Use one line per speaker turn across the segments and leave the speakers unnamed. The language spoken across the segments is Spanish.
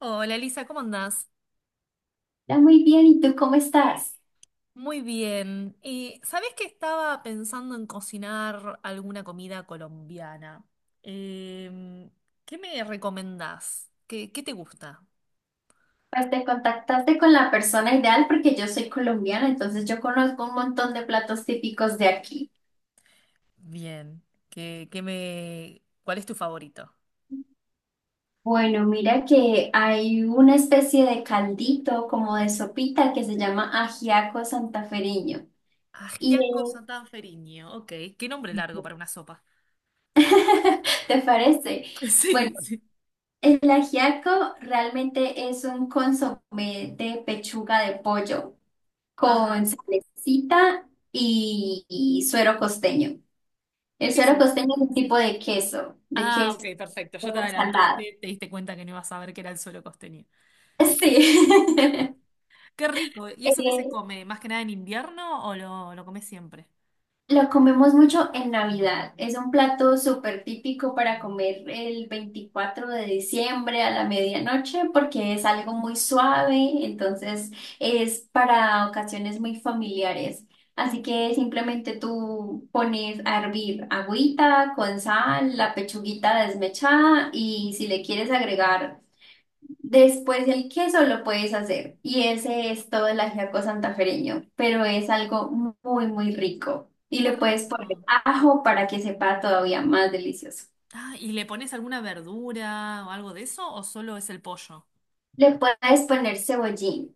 Hola Elisa, ¿cómo andás?
Está muy bien, ¿y tú cómo estás?
Muy bien. ¿Sabés que estaba pensando en cocinar alguna comida colombiana? Em, ¿Qué me recomendás? ¿Qué te gusta?
Pues te contactaste con la persona ideal porque yo soy colombiana, entonces yo conozco un montón de platos típicos de aquí.
Bien. ¿Qué me... ¿Cuál es tu favorito?
Bueno, mira que hay una especie de caldito, como de sopita, que se llama ajiaco santafereño. Y
Ajiaco santanferiño. Ok. Qué nombre largo para una sopa.
¿Te parece? Bueno,
Sí, sí.
el ajiaco realmente es un consomé de pechuga de pollo
Ajá.
con salecita y suero costeño. El
¿Qué es
suero
eso?
costeño es un
Sí.
tipo de
Ah, ok,
queso
perfecto. Ya te
salado.
adelantaste, te diste cuenta que no ibas a ver que era el suelo costeño.
Sí.
Qué rico. ¿Y eso qué se
Eh,
come? ¿Más que nada en invierno o lo comes siempre?
lo comemos mucho en Navidad. Es un plato súper típico para comer el 24 de diciembre a la medianoche porque es algo muy suave, entonces es para ocasiones muy familiares. Así que simplemente tú pones a hervir agüita con sal, la pechuguita desmechada y si le quieres agregar. Después del queso lo puedes hacer y ese es todo el ajiaco santafereño, pero es algo muy, muy rico y
Qué
le puedes
rico.
poner ajo para que sepa todavía más delicioso.
Ah, ¿y le pones alguna verdura o algo de eso o solo es el pollo?
Le puedes poner cebollín.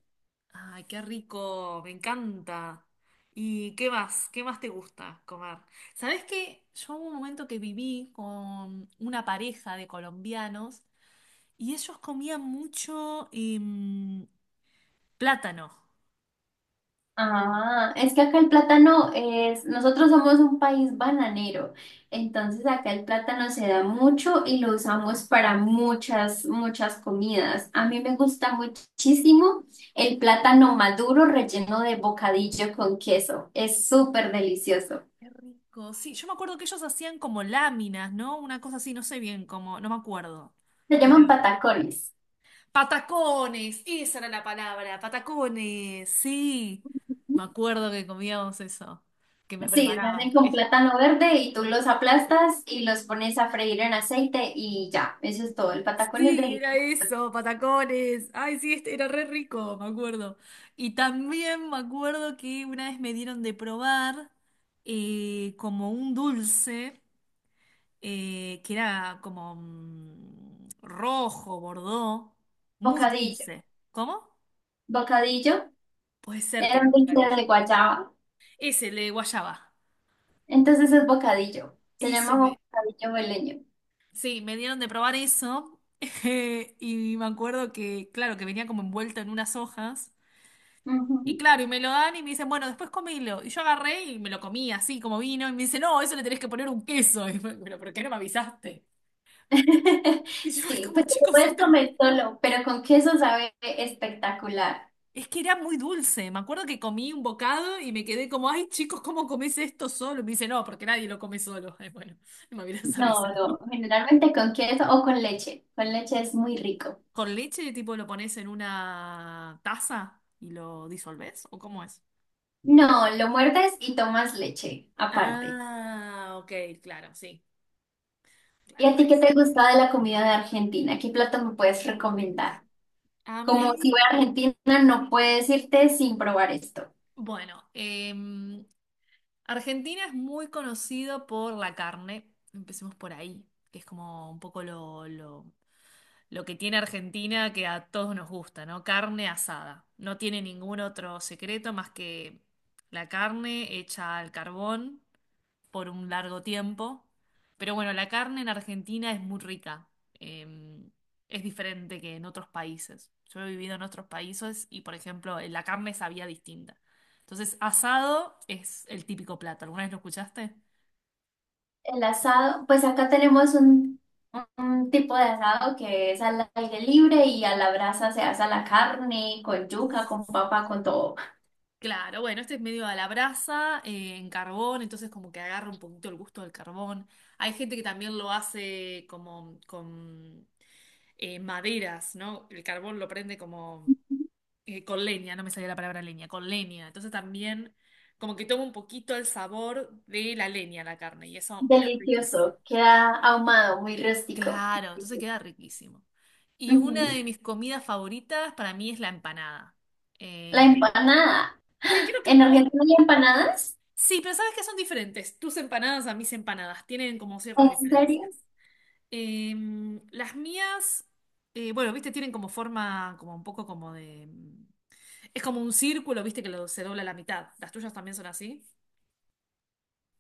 Ay, qué rico, me encanta. ¿Y qué más? ¿Qué más te gusta comer? ¿Sabés qué? Yo hubo un momento que viví con una pareja de colombianos y ellos comían mucho plátano.
Ah, es que acá el plátano es, nosotros somos un país bananero, entonces acá el plátano se da mucho y lo usamos para muchas, muchas comidas. A mí me gusta muchísimo el plátano maduro relleno de bocadillo con queso, es súper delicioso.
Qué rico. Sí, yo me acuerdo que ellos hacían como láminas, ¿no? Una cosa así, no sé bien cómo, no me acuerdo.
Se
Pero.
llaman patacones.
Patacones, esa era la palabra, patacones, sí. Me acuerdo que comíamos eso, que me
Sí, se
preparaban.
hacen con plátano verde y tú los aplastas y los pones a freír en aceite y ya, eso es todo. El patacón es
Sí,
delicioso.
era eso, patacones. Ay, sí, este era re rico, me acuerdo. Y también me acuerdo que una vez me dieron de probar como un dulce. Que era como rojo, bordó, muy
Bocadillo.
dulce. ¿Cómo?
Bocadillo.
Puede ser que
Era
era
un dulce de
bocadillo.
guayaba.
Ese, el de guayaba.
Entonces es bocadillo. Se llama
Eso me...
bocadillo boleño.
Sí, me dieron de probar eso. Y me acuerdo que, claro, que venía como envuelto en unas hojas. Y
Ujú.
claro, y me lo dan y me dicen, bueno, después comilo. Y yo agarré y me lo comí así como vino. Y me dice, no, eso le tenés que poner un queso. Y fue, pero ¿por qué no me avisaste? Y yo, ay,
Sí,
como
pues te lo
chicos,
puedes
esto.
comer solo, pero con queso sabe espectacular.
Es que era muy dulce. Me acuerdo que comí un bocado y me quedé como, ay, chicos, ¿cómo comés esto solo? Y me dice, no, porque nadie lo come solo. Ay, bueno, no me hubieras
No,
avisado.
no, generalmente con queso o con leche. Con leche es muy rico.
¿Con leche, tipo, lo pones en una taza y lo disolvés? ¿O cómo es?
No, lo muerdes y tomas leche aparte.
Ah, ok, claro, sí,
¿Y
claro,
a ti
ahí
qué
sí.
te gusta de la comida de Argentina? ¿Qué plato me puedes
Uy.
recomendar?
A
Como si
mí,
voy a Argentina, no puedes irte sin probar esto.
bueno, Argentina es muy conocido por la carne, empecemos por ahí, que es como un poco lo que tiene Argentina que a todos nos gusta, ¿no? Carne asada. No tiene ningún otro secreto más que la carne hecha al carbón por un largo tiempo. Pero bueno, la carne en Argentina es muy rica. Eh, es diferente que en otros países. Yo he vivido en otros países y, por ejemplo, la carne sabía distinta. Entonces, asado es el típico plato. ¿Alguna vez lo escuchaste?
El asado, pues acá tenemos un tipo de asado que es al aire libre y a la brasa se asa la carne con yuca, con papa, con todo.
Claro, bueno, este es medio a la brasa, en carbón, entonces como que agarra un poquito el gusto del carbón. Hay gente que también lo hace como con maderas, ¿no? El carbón lo prende como con leña, no me salía la palabra leña, con leña. Entonces también como que toma un poquito el sabor de la leña la carne y eso es riquísimo.
Delicioso, queda ahumado, muy rústico.
Claro, entonces queda riquísimo. Y una
Ujú.
de mis comidas favoritas para mí es la empanada.
La
Eh,
empanada.
sí, creo que
¿En
vos.
Argentina hay empanadas?
Sí, pero sabes que son diferentes. Tus empanadas a mis empanadas tienen como
¿En
ciertas
serio?
diferencias. Las mías, bueno, viste, tienen como forma, como un poco como de... Es como un círculo, viste, que se dobla a la mitad. ¿Las tuyas también son así?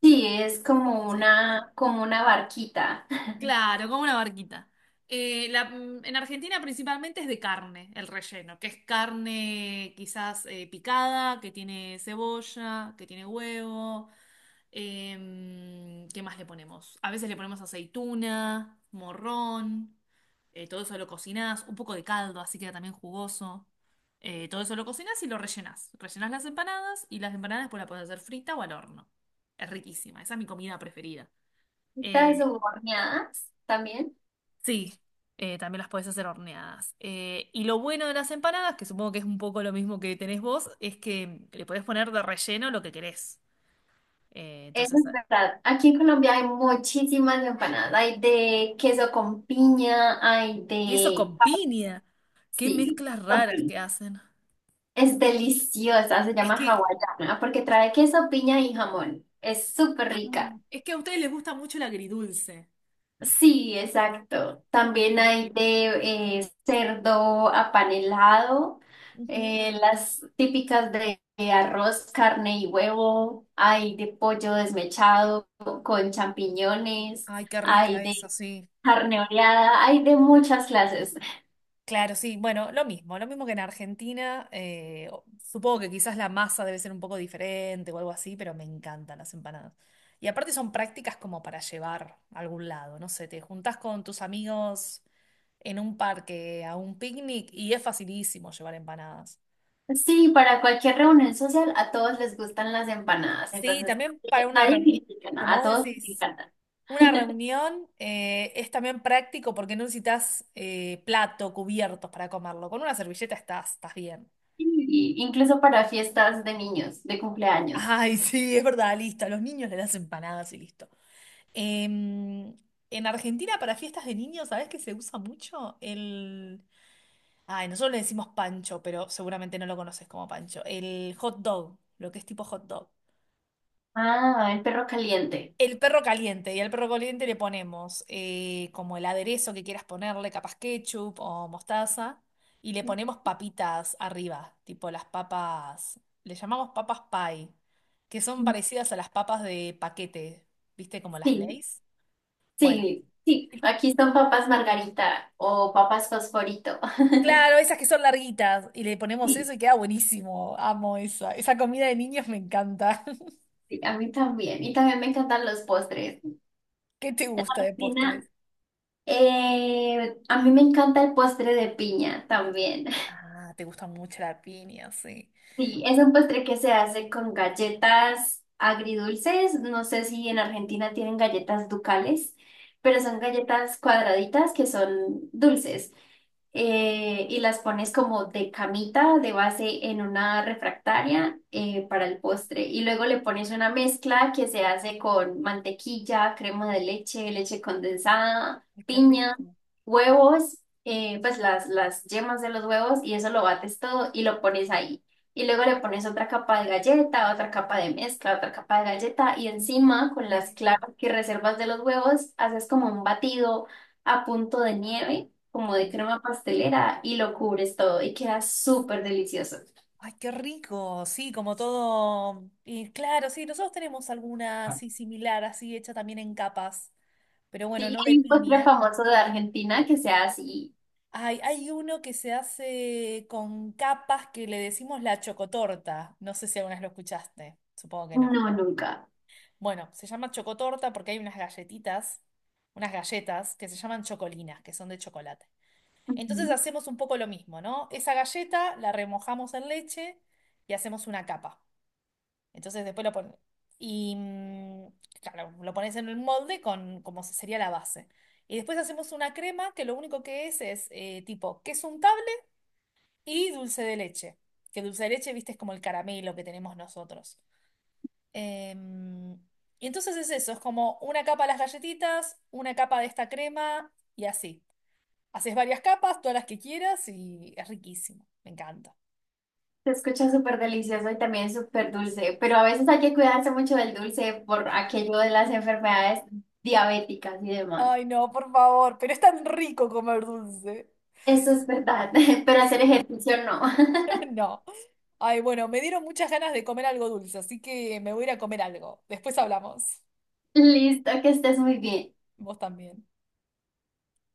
Sí, es
Sí.
como una barquita.
Claro, como una barquita. En Argentina principalmente es de carne, el relleno, que es carne quizás picada, que tiene cebolla, que tiene huevo. ¿Qué más le ponemos? A veces le ponemos aceituna, morrón, todo eso lo cocinás, un poco de caldo, así queda también jugoso. Todo eso lo cocinás y lo rellenás. Rellenás las empanadas y las empanadas después las podés hacer frita o al horno. Es riquísima, esa es mi comida preferida. Eh,
Estas horneadas también.
sí, también las podés hacer horneadas. Y lo bueno de las empanadas, que supongo que es un poco lo mismo que tenés vos, es que le podés poner de relleno lo que querés. Eh,
Eso
entonces
es verdad. Aquí en Colombia hay muchísimas empanadas. Hay de queso con piña, hay
Y eso
de...
con piña. Qué
Sí,
mezclas
con
raras
piña.
que hacen.
Es deliciosa, se
Es
llama
que,
hawaiana, porque trae queso, piña y jamón. Es súper
ah,
rica.
es que a ustedes les gusta mucho el agridulce.
Sí, exacto. También
Sí.
hay de cerdo apanelado,
Ujú.
las típicas de arroz, carne y huevo. Hay de pollo desmechado con champiñones.
Ay, qué
Hay
rica
de
esa, sí.
carne oreada, hay de muchas clases.
Claro, sí, bueno, lo mismo que en Argentina. Supongo que quizás la masa debe ser un poco diferente o algo así, pero me encantan las empanadas. Y aparte son prácticas como para llevar a algún lado, no sé, te juntás con tus amigos en un parque a un picnic y es facilísimo llevar empanadas.
Sí, para cualquier reunión social a todos les gustan las empanadas,
Sí,
entonces
también
nadie,
para una
nadie
reunión,
critica
como
nada, a
vos
todos les
decís,
encantan.
una reunión es también práctico porque no necesitas plato, cubiertos para comerlo. Con una servilleta estás bien.
Y incluso para fiestas de niños, de cumpleaños.
Ay, sí, es verdad, listo. A los niños les das empanadas y listo. Em, en Argentina para fiestas de niños, ¿sabés que se usa mucho? El... Ay, nosotros le decimos pancho, pero seguramente no lo conoces como pancho. El hot dog, lo que es tipo hot dog.
Ah, el perro caliente.
El perro caliente, y al perro caliente le ponemos como el aderezo que quieras ponerle, capaz ketchup o mostaza, y le ponemos papitas arriba, tipo las papas, le llamamos papas pie, que son parecidas a las papas de paquete, ¿viste? Como las
Sí,
Lay's. Bueno,
sí, sí.
y-
Aquí son papas margarita o papas fosforito.
claro, esas que son larguitas, y le ponemos
Sí,
eso y queda buenísimo, amo esa, esa comida de niños me encanta.
sí, a mí también. Y también me encantan los postres.
¿Qué te gusta de
Cristina,
postres?
a mí me encanta el postre de piña también.
Ah, te gusta mucho la piña, sí.
Sí, es un postre que se hace con galletas agridulces. No sé si en Argentina tienen galletas ducales, pero son galletas cuadraditas que son dulces. Y las pones como de camita, de base en una refractaria para el postre. Y luego le pones una mezcla que se hace con mantequilla, crema de leche, leche condensada,
Ay, qué
piña,
rico.
huevos, pues las yemas de los huevos y eso lo bates todo y lo pones ahí. Y luego le pones otra capa de galleta, otra capa de mezcla, otra capa de galleta y encima con
Y
las
así,
claras que reservas de los huevos haces como un batido a punto de nieve, como de
sí.
crema pastelera y lo cubres todo y queda súper delicioso.
Ay, qué rico, sí, como todo. Y claro, sí, nosotros tenemos alguna así similar, así hecha también en capas, pero bueno, no de
Hay un postre
piña.
famoso de Argentina que sea así,
Ay, hay uno que se hace con capas que le decimos la chocotorta. No sé si alguna vez lo escuchaste, supongo que no.
no, nunca.
Bueno, se llama chocotorta porque hay unas galletitas, unas galletas que se llaman chocolinas, que son de chocolate. Entonces
Ujú.
hacemos un poco lo mismo, ¿no? Esa galleta la remojamos en leche y hacemos una capa. Entonces después lo pones. Y claro, lo pones en el molde con como sería la base. Y después hacemos una crema que lo único que es tipo queso untable y dulce de leche. Que dulce de leche, viste, es como el caramelo que tenemos nosotros. Em, y entonces es eso, es como una capa de las galletitas, una capa de esta crema y así. Haces varias capas, todas las que quieras y es riquísimo. Me encanta.
Se escucha súper delicioso y también súper dulce, pero a veces hay que cuidarse mucho del dulce por aquello de las enfermedades diabéticas y demás.
Ay, no, por favor, pero es tan rico comer dulce.
Eso es verdad, pero hacer ejercicio no.
No. Ay, bueno, me dieron muchas ganas de comer algo dulce, así que me voy a ir a comer algo. Después hablamos.
Listo, que estés muy bien.
Vos también.